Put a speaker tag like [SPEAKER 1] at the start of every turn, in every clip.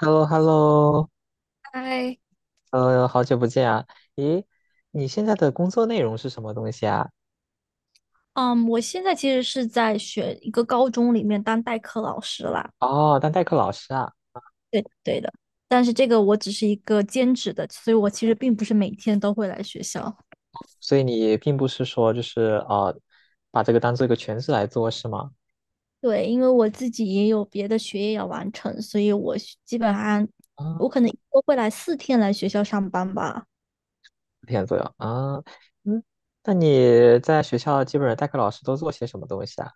[SPEAKER 1] h e l l o h e l l o
[SPEAKER 2] 哎，
[SPEAKER 1] 好久不见啊！咦，你现在的工作内容是什么东西啊？
[SPEAKER 2] 嗯，我现在其实是在学一个高中里面当代课老师啦。
[SPEAKER 1] 哦，当代课老师啊。
[SPEAKER 2] 对的对的，但是这个我只是一个兼职的，所以我其实并不是每天都会来学校。
[SPEAKER 1] 所以你并不是说就是把这个当做一个全职来做是吗？
[SPEAKER 2] 对，因为我自己也有别的学业要完成，所以我是基本上
[SPEAKER 1] 啊，
[SPEAKER 2] 我可能一周会来四天来学校上班吧。
[SPEAKER 1] 四天左右啊。嗯，那你在学校基本上代课老师都做些什么东西啊？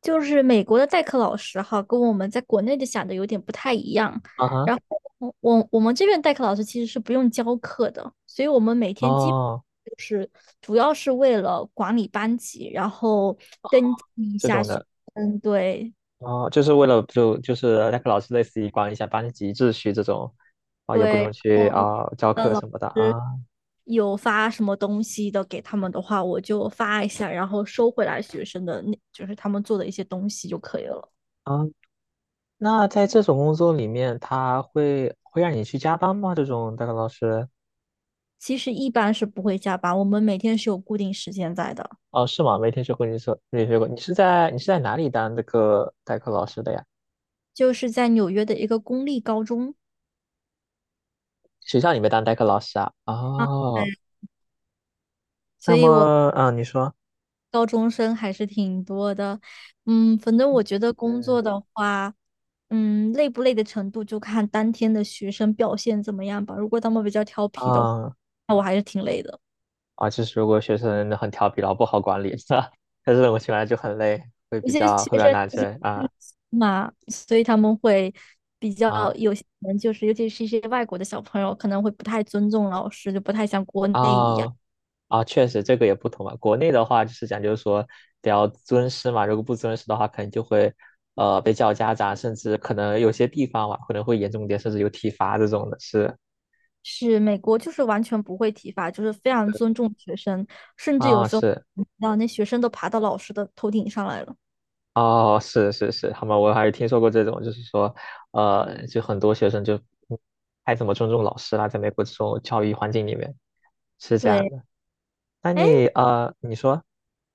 [SPEAKER 2] 就是美国的代课老师哈，跟我们在国内的想的有点不太一样。
[SPEAKER 1] 啊哈。
[SPEAKER 2] 然后我们这边代课老师其实是不用教课的，所以我们每天基本
[SPEAKER 1] 哦，
[SPEAKER 2] 就是主要是为了管理班级，然后登记一
[SPEAKER 1] 这
[SPEAKER 2] 下
[SPEAKER 1] 种
[SPEAKER 2] 学
[SPEAKER 1] 的。
[SPEAKER 2] 生，对
[SPEAKER 1] 哦，就是为了就是代课老师类似于管理一下班级秩序这种，啊、也不
[SPEAKER 2] 对，
[SPEAKER 1] 用
[SPEAKER 2] 然
[SPEAKER 1] 去
[SPEAKER 2] 后
[SPEAKER 1] 啊、教
[SPEAKER 2] 的
[SPEAKER 1] 课
[SPEAKER 2] 老
[SPEAKER 1] 什么的
[SPEAKER 2] 师
[SPEAKER 1] 啊
[SPEAKER 2] 有发什么东西的给他们的话，我就发一下，然后收回来学生的那就是他们做的一些东西就可以了。
[SPEAKER 1] 啊。那在这种工作里面，他会让你去加班吗？这种代课老师？
[SPEAKER 2] 其实一般是不会加班，我们每天是有固定时间在的。
[SPEAKER 1] 哦，是吗？没听说过你说没听说过，你是在哪里当这个代课老师的呀？
[SPEAKER 2] 就是在纽约的一个公立高中
[SPEAKER 1] 学校里面当代课老师啊？
[SPEAKER 2] 啊，
[SPEAKER 1] 哦，
[SPEAKER 2] 嗯，所
[SPEAKER 1] 那
[SPEAKER 2] 以我
[SPEAKER 1] 么你说
[SPEAKER 2] 高中生还是挺多的。反正我觉得工作
[SPEAKER 1] 嗯
[SPEAKER 2] 的话，累不累的程度就看当天的学生表现怎么样吧。如果他们比较调皮的话，
[SPEAKER 1] 啊，
[SPEAKER 2] 那我还是挺累的。
[SPEAKER 1] 就是如果学生很调皮，然后不好管理，是吧？但是我起来就很累，会
[SPEAKER 2] 有
[SPEAKER 1] 比
[SPEAKER 2] 些
[SPEAKER 1] 较
[SPEAKER 2] 学
[SPEAKER 1] 会比较
[SPEAKER 2] 生
[SPEAKER 1] 难
[SPEAKER 2] 就是
[SPEAKER 1] 追啊。
[SPEAKER 2] 嘛，所以他们会比较
[SPEAKER 1] 啊
[SPEAKER 2] 有些人就是，尤其是一些外国的小朋友，可能会不太尊重老师，就不太像国
[SPEAKER 1] 啊！
[SPEAKER 2] 内一样。
[SPEAKER 1] 哦啊，确实这个也不同嘛。国内的话就是讲究说得要尊师嘛，如果不尊师的话，可能就会被叫家长，甚至可能有些地方嘛，可能会严重一点，甚至有体罚这种的。是
[SPEAKER 2] 是美国就是完全不会体罚，就是非常尊重学生，甚至有
[SPEAKER 1] 啊，
[SPEAKER 2] 时候
[SPEAKER 1] 是
[SPEAKER 2] 让那学生都爬到老师的头顶上来了。
[SPEAKER 1] 哦，是是是，好吗？我还是听说过这种，就是说就很多学生就不太怎么尊重老师啦，在美国这种教育环境里面是这样
[SPEAKER 2] 对，
[SPEAKER 1] 的。那
[SPEAKER 2] 哎，
[SPEAKER 1] 你你说。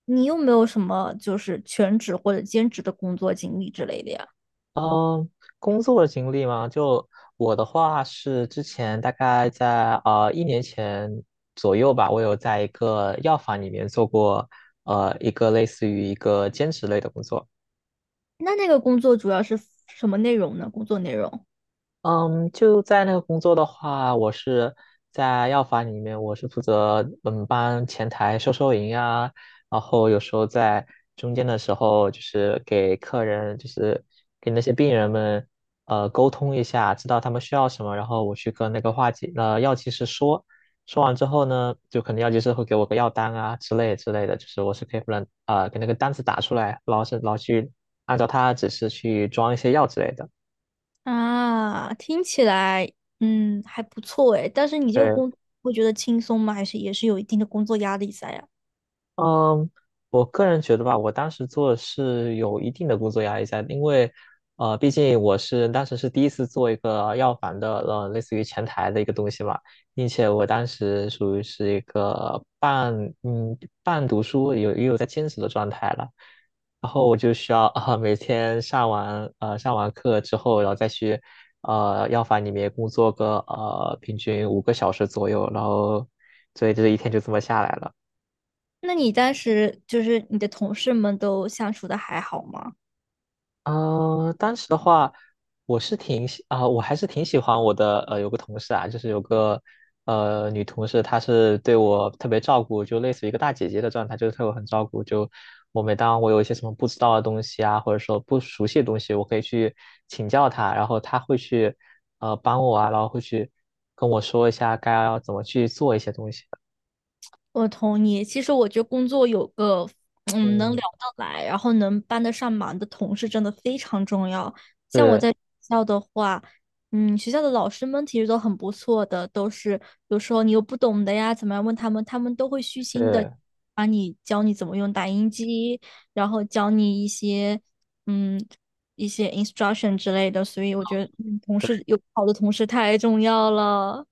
[SPEAKER 2] 你有没有什么就是全职或者兼职的工作经历之类的呀？
[SPEAKER 1] 嗯，工作的经历吗？就我的话是之前大概在一年前左右吧，我有在一个药房里面做过一个类似于一个兼职类的工作。
[SPEAKER 2] 那那个工作主要是什么内容呢？工作内容
[SPEAKER 1] 嗯，就在那个工作的话，我是在药房里面。我是负责班前台收银啊，然后有时候在中间的时候，就是给客人，就是给那些病人们沟通一下，知道他们需要什么，然后我去跟那个药剂师说。说完之后呢，就可能药剂师会给我个药单啊之类的，就是我是可以不能给那个单子打出来，然后去按照他的指示去装一些药之类的。
[SPEAKER 2] 啊，听起来还不错哎，但是你这个
[SPEAKER 1] 对。
[SPEAKER 2] 工作会觉得轻松吗？还是也是有一定的工作压力在呀？
[SPEAKER 1] 嗯，我个人觉得吧，我当时做的是有一定的工作压力在，因为毕竟我是当时是第一次做一个药房的类似于前台的一个东西嘛，并且我当时属于是一个半嗯半读书，也有在兼职的状态了。然后我就需要啊、每天上完课之后，然后再去药房里面工作个平均5个小时左右，然后所以这一天就这么下来了。
[SPEAKER 2] 那你当时就是你的同事们都相处的还好吗？
[SPEAKER 1] 当时的话，我还是挺喜欢我的有个同事啊，就是有个女同事，她是对我特别照顾，就类似于一个大姐姐的状态，就是对我很照顾。就我每当我有一些什么不知道的东西啊，或者说不熟悉的东西，我可以去请教她，然后她会去帮我啊，然后会去跟我说一下该要怎么去做一些东西。
[SPEAKER 2] 我同意。其实我觉得工作有个能
[SPEAKER 1] 嗯，
[SPEAKER 2] 聊得来，然后能帮得上忙的同事真的非常重要。像我
[SPEAKER 1] 是
[SPEAKER 2] 在学校的话，学校的老师们其实都很不错的，都是有时候你有不懂的呀，怎么样问他们，他们都会虚
[SPEAKER 1] 是。
[SPEAKER 2] 心的
[SPEAKER 1] 对。
[SPEAKER 2] 把你教你怎么用打印机，然后教你嗯一些 instruction 之类的。所以我觉得，同事有好的同事太重要了。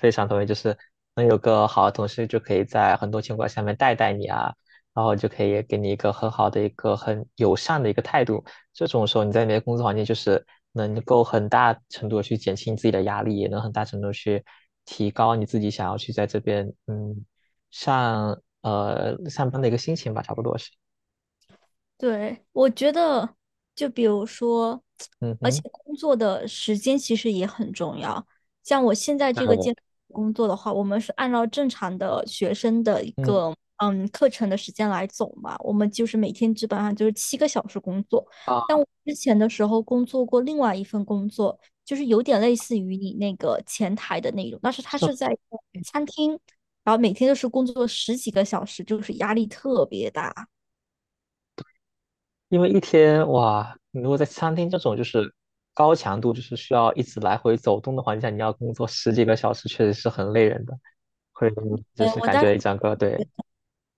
[SPEAKER 1] 非常同意，就是能有个好的同事，就可以在很多情况下面带带你啊，然后就可以给你一个很好的一个很友善的一个态度。这种时候你在你的工作环境就是能够很大程度地去减轻自己的压力，也能很大程度去提高你自己想要去在这边上班的一个心情吧，差不多是。
[SPEAKER 2] 对，我觉得，就比如说，
[SPEAKER 1] 嗯
[SPEAKER 2] 而且
[SPEAKER 1] 哼，
[SPEAKER 2] 工作的时间其实也很重要。像我现在这个兼
[SPEAKER 1] 对，
[SPEAKER 2] 段工作的话，我们是按照正常的学生的一
[SPEAKER 1] 嗯。
[SPEAKER 2] 个课程的时间来走嘛，我们就是每天基本上就是七个小时工作。
[SPEAKER 1] 啊，
[SPEAKER 2] 但我之前的时候工作过另外一份工作，就是有点类似于你那个前台的那种，但是它是在一个餐厅，然后每天就是工作十几个小时，就是压力特别大。
[SPEAKER 1] 因为一天哇，你如果在餐厅这种就是高强度，就是需要一直来回走动的环境下，你要工作十几个小时，确实是很累人的，会就
[SPEAKER 2] 哎，
[SPEAKER 1] 是
[SPEAKER 2] 我
[SPEAKER 1] 感
[SPEAKER 2] 当时。
[SPEAKER 1] 觉一整个。对，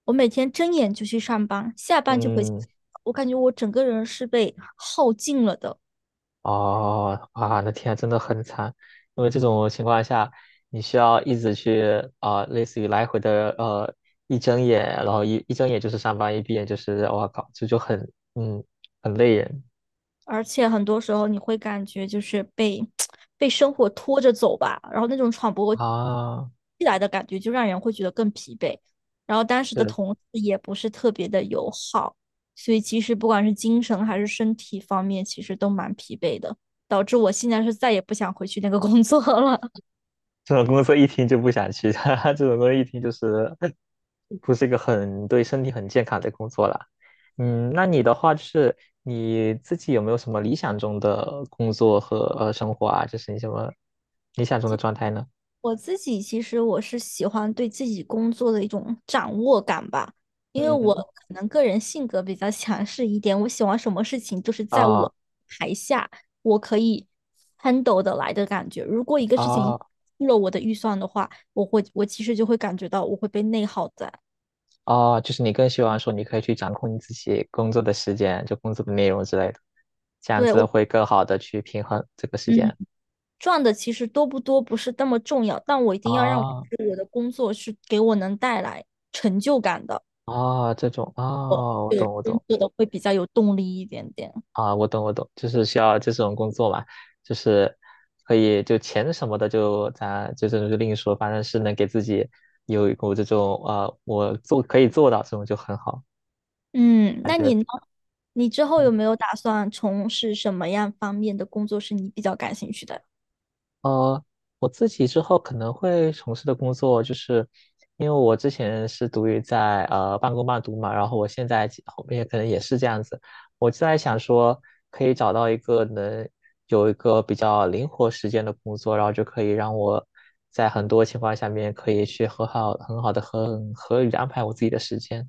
[SPEAKER 2] 我每天睁眼就去上班，下班就回家，
[SPEAKER 1] 嗯。
[SPEAKER 2] 我感觉我整个人是被耗尽了的，
[SPEAKER 1] 哦，啊，那天啊真的很惨，因为这种情况下，你需要一直去啊、类似于来回的一睁眼，然后一睁眼就是上班，一闭眼就是我靠，这就嗯很累人
[SPEAKER 2] 而且很多时候你会感觉就是被生活拖着走吧，然后那种喘不过气
[SPEAKER 1] 啊。
[SPEAKER 2] 来的感觉，就让人会觉得更疲惫。然后当时的
[SPEAKER 1] 对。
[SPEAKER 2] 同事也不是特别的友好，所以其实不管是精神还是身体方面，其实都蛮疲惫的，导致我现在是再也不想回去那个工作了。
[SPEAKER 1] 这种工作一听就不想去，哈哈！这种工作一听就是不是一个很对身体很健康的工作啦。嗯，那你的话就是你自己有没有什么理想中的工作和生活啊？就是你什么理想中的状态呢？
[SPEAKER 2] 我自己其实我是喜欢对自己工作的一种掌握感吧，因为
[SPEAKER 1] 嗯
[SPEAKER 2] 我
[SPEAKER 1] 哼。
[SPEAKER 2] 可能个人性格比较 强势一点，我喜欢什么事情就是在
[SPEAKER 1] 啊
[SPEAKER 2] 我台下我可以 handle 的来的感觉。如果一个事情
[SPEAKER 1] 啊
[SPEAKER 2] 超了我的预算的话，我其实就会感觉到我会被内耗在。
[SPEAKER 1] 啊，就是你更希望说你可以去掌控你自己工作的时间，就工作的内容之类的，这样
[SPEAKER 2] 对
[SPEAKER 1] 子
[SPEAKER 2] 我，
[SPEAKER 1] 会更好的去平衡这个时
[SPEAKER 2] 嗯，
[SPEAKER 1] 间。
[SPEAKER 2] 赚的其实多不多不是那么重要，但我一定要让我觉
[SPEAKER 1] 啊
[SPEAKER 2] 得我的工作是给我能带来成就感的，
[SPEAKER 1] 啊，这种啊，我
[SPEAKER 2] 对
[SPEAKER 1] 懂我
[SPEAKER 2] 工
[SPEAKER 1] 懂。
[SPEAKER 2] 作的会比较有动力一点点。
[SPEAKER 1] 啊，我懂我懂，就是需要这种工作嘛，就是可以就钱什么的就咱就这种就另说，反正是能给自己有一股这种啊，我做可以做到这种就很好
[SPEAKER 2] 嗯，
[SPEAKER 1] 感
[SPEAKER 2] 那你
[SPEAKER 1] 觉。
[SPEAKER 2] 呢？你之后有
[SPEAKER 1] 嗯
[SPEAKER 2] 没有打算从事什么样方面的工作是你比较感兴趣的？
[SPEAKER 1] 呃，我自己之后可能会从事的工作，就是因为我之前是读于在半工半读嘛，然后我现在其后面可能也是这样子，我就在想说，可以找到一个能有一个比较灵活时间的工作，然后就可以让我在很多情况下面可以去很好很好的很合理的安排我自己的时间，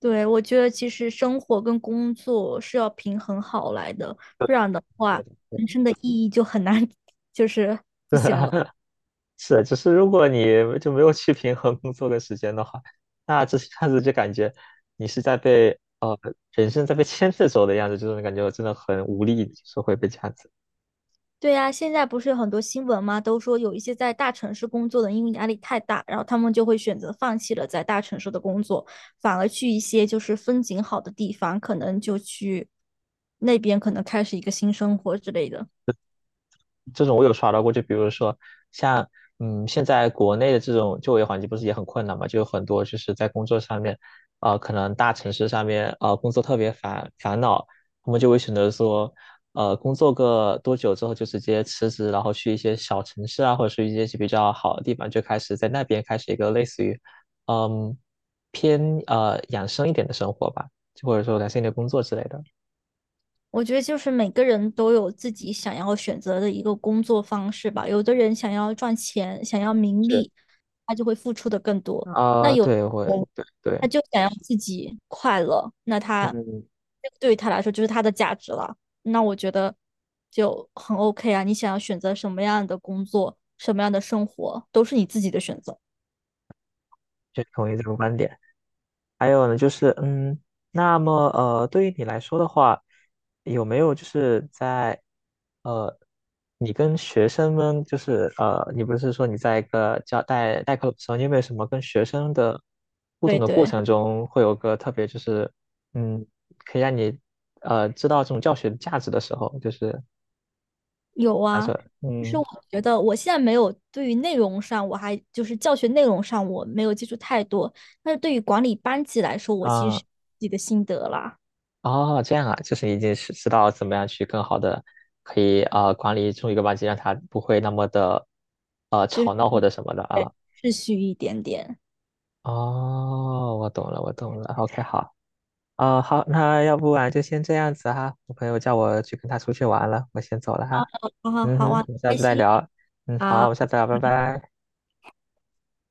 [SPEAKER 2] 对，我觉得其实生活跟工作是要平衡好来的，不然的
[SPEAKER 1] 你觉
[SPEAKER 2] 话，
[SPEAKER 1] 得？
[SPEAKER 2] 人生的意义就很难。就是，
[SPEAKER 1] 是，只是如果你就没有去平衡工作的时间的话，那这下子就感觉你是在被人生在被牵着走的样子，就是感觉我真的很无力，就是会被这样子。
[SPEAKER 2] 对呀，现在不是有很多新闻嘛，都说有一些在大城市工作的，因为压力太大，然后他们就会选择放弃了在大城市的工作，反而去一些就是风景好的地方，可能就去那边可能开始一个新生活之类的。
[SPEAKER 1] 这种我有刷到过。就比如说像嗯，现在国内的这种就业环境不是也很困难嘛，就有很多就是在工作上面，啊、可能大城市上面啊、工作特别烦恼，他们就会选择说工作个多久之后就直接辞职，然后去一些小城市啊，或者是一些比较好的地方，就开始在那边开始一个类似于嗯偏养生一点的生活吧，就或者说养生一点的工作之类的。
[SPEAKER 2] 我觉得就是每个人都有自己想要选择的一个工作方式吧。有的人想要赚钱，想要名
[SPEAKER 1] 是，
[SPEAKER 2] 利，他就会付出的更多。
[SPEAKER 1] 嗯啊、
[SPEAKER 2] 那有的
[SPEAKER 1] 对，会，
[SPEAKER 2] 人
[SPEAKER 1] 对
[SPEAKER 2] 他
[SPEAKER 1] 对，
[SPEAKER 2] 就想要自己快乐，那他
[SPEAKER 1] 嗯。
[SPEAKER 2] 这个对于他来说就是他的价值了。那我觉得就很 OK 啊。你想要选择什么样的工作，什么样的生活，都是你自己的选择。
[SPEAKER 1] 就同意这种观点。还有呢，就是嗯，那么对于你来说的话，有没有就是在呃，你跟学生们就是你不是说你在一个教代课的时候，你有没有什么跟学生的互
[SPEAKER 2] 对
[SPEAKER 1] 动的过
[SPEAKER 2] 对。
[SPEAKER 1] 程中，会有个特别就是嗯，可以让你知道这种教学的价值的时候，就是
[SPEAKER 2] 有
[SPEAKER 1] 假
[SPEAKER 2] 啊，
[SPEAKER 1] 设
[SPEAKER 2] 其实我觉得我现在没有对于内容上，我还就是教学内容上我没有接触太多，但是对于管理班级来说，我其实
[SPEAKER 1] 啊。
[SPEAKER 2] 是自己的心得啦，
[SPEAKER 1] 哦，这样啊，就是你已经是知道怎么样去更好的可以啊管理住一个班级，让他不会那么的
[SPEAKER 2] 就
[SPEAKER 1] 吵
[SPEAKER 2] 是
[SPEAKER 1] 闹或者什么的
[SPEAKER 2] 对
[SPEAKER 1] 啊。
[SPEAKER 2] 秩序一点点。
[SPEAKER 1] 哦，我懂了，我懂了。OK，好。啊、好，那要不然就先这样子哈。我朋友叫我去跟他出去玩了，我先走了哈。
[SPEAKER 2] 好好
[SPEAKER 1] 嗯
[SPEAKER 2] 好
[SPEAKER 1] 哼，
[SPEAKER 2] 啊，
[SPEAKER 1] 我们下
[SPEAKER 2] 开
[SPEAKER 1] 次再
[SPEAKER 2] 心
[SPEAKER 1] 聊。嗯，好，我
[SPEAKER 2] 啊。
[SPEAKER 1] 们下次聊，拜拜。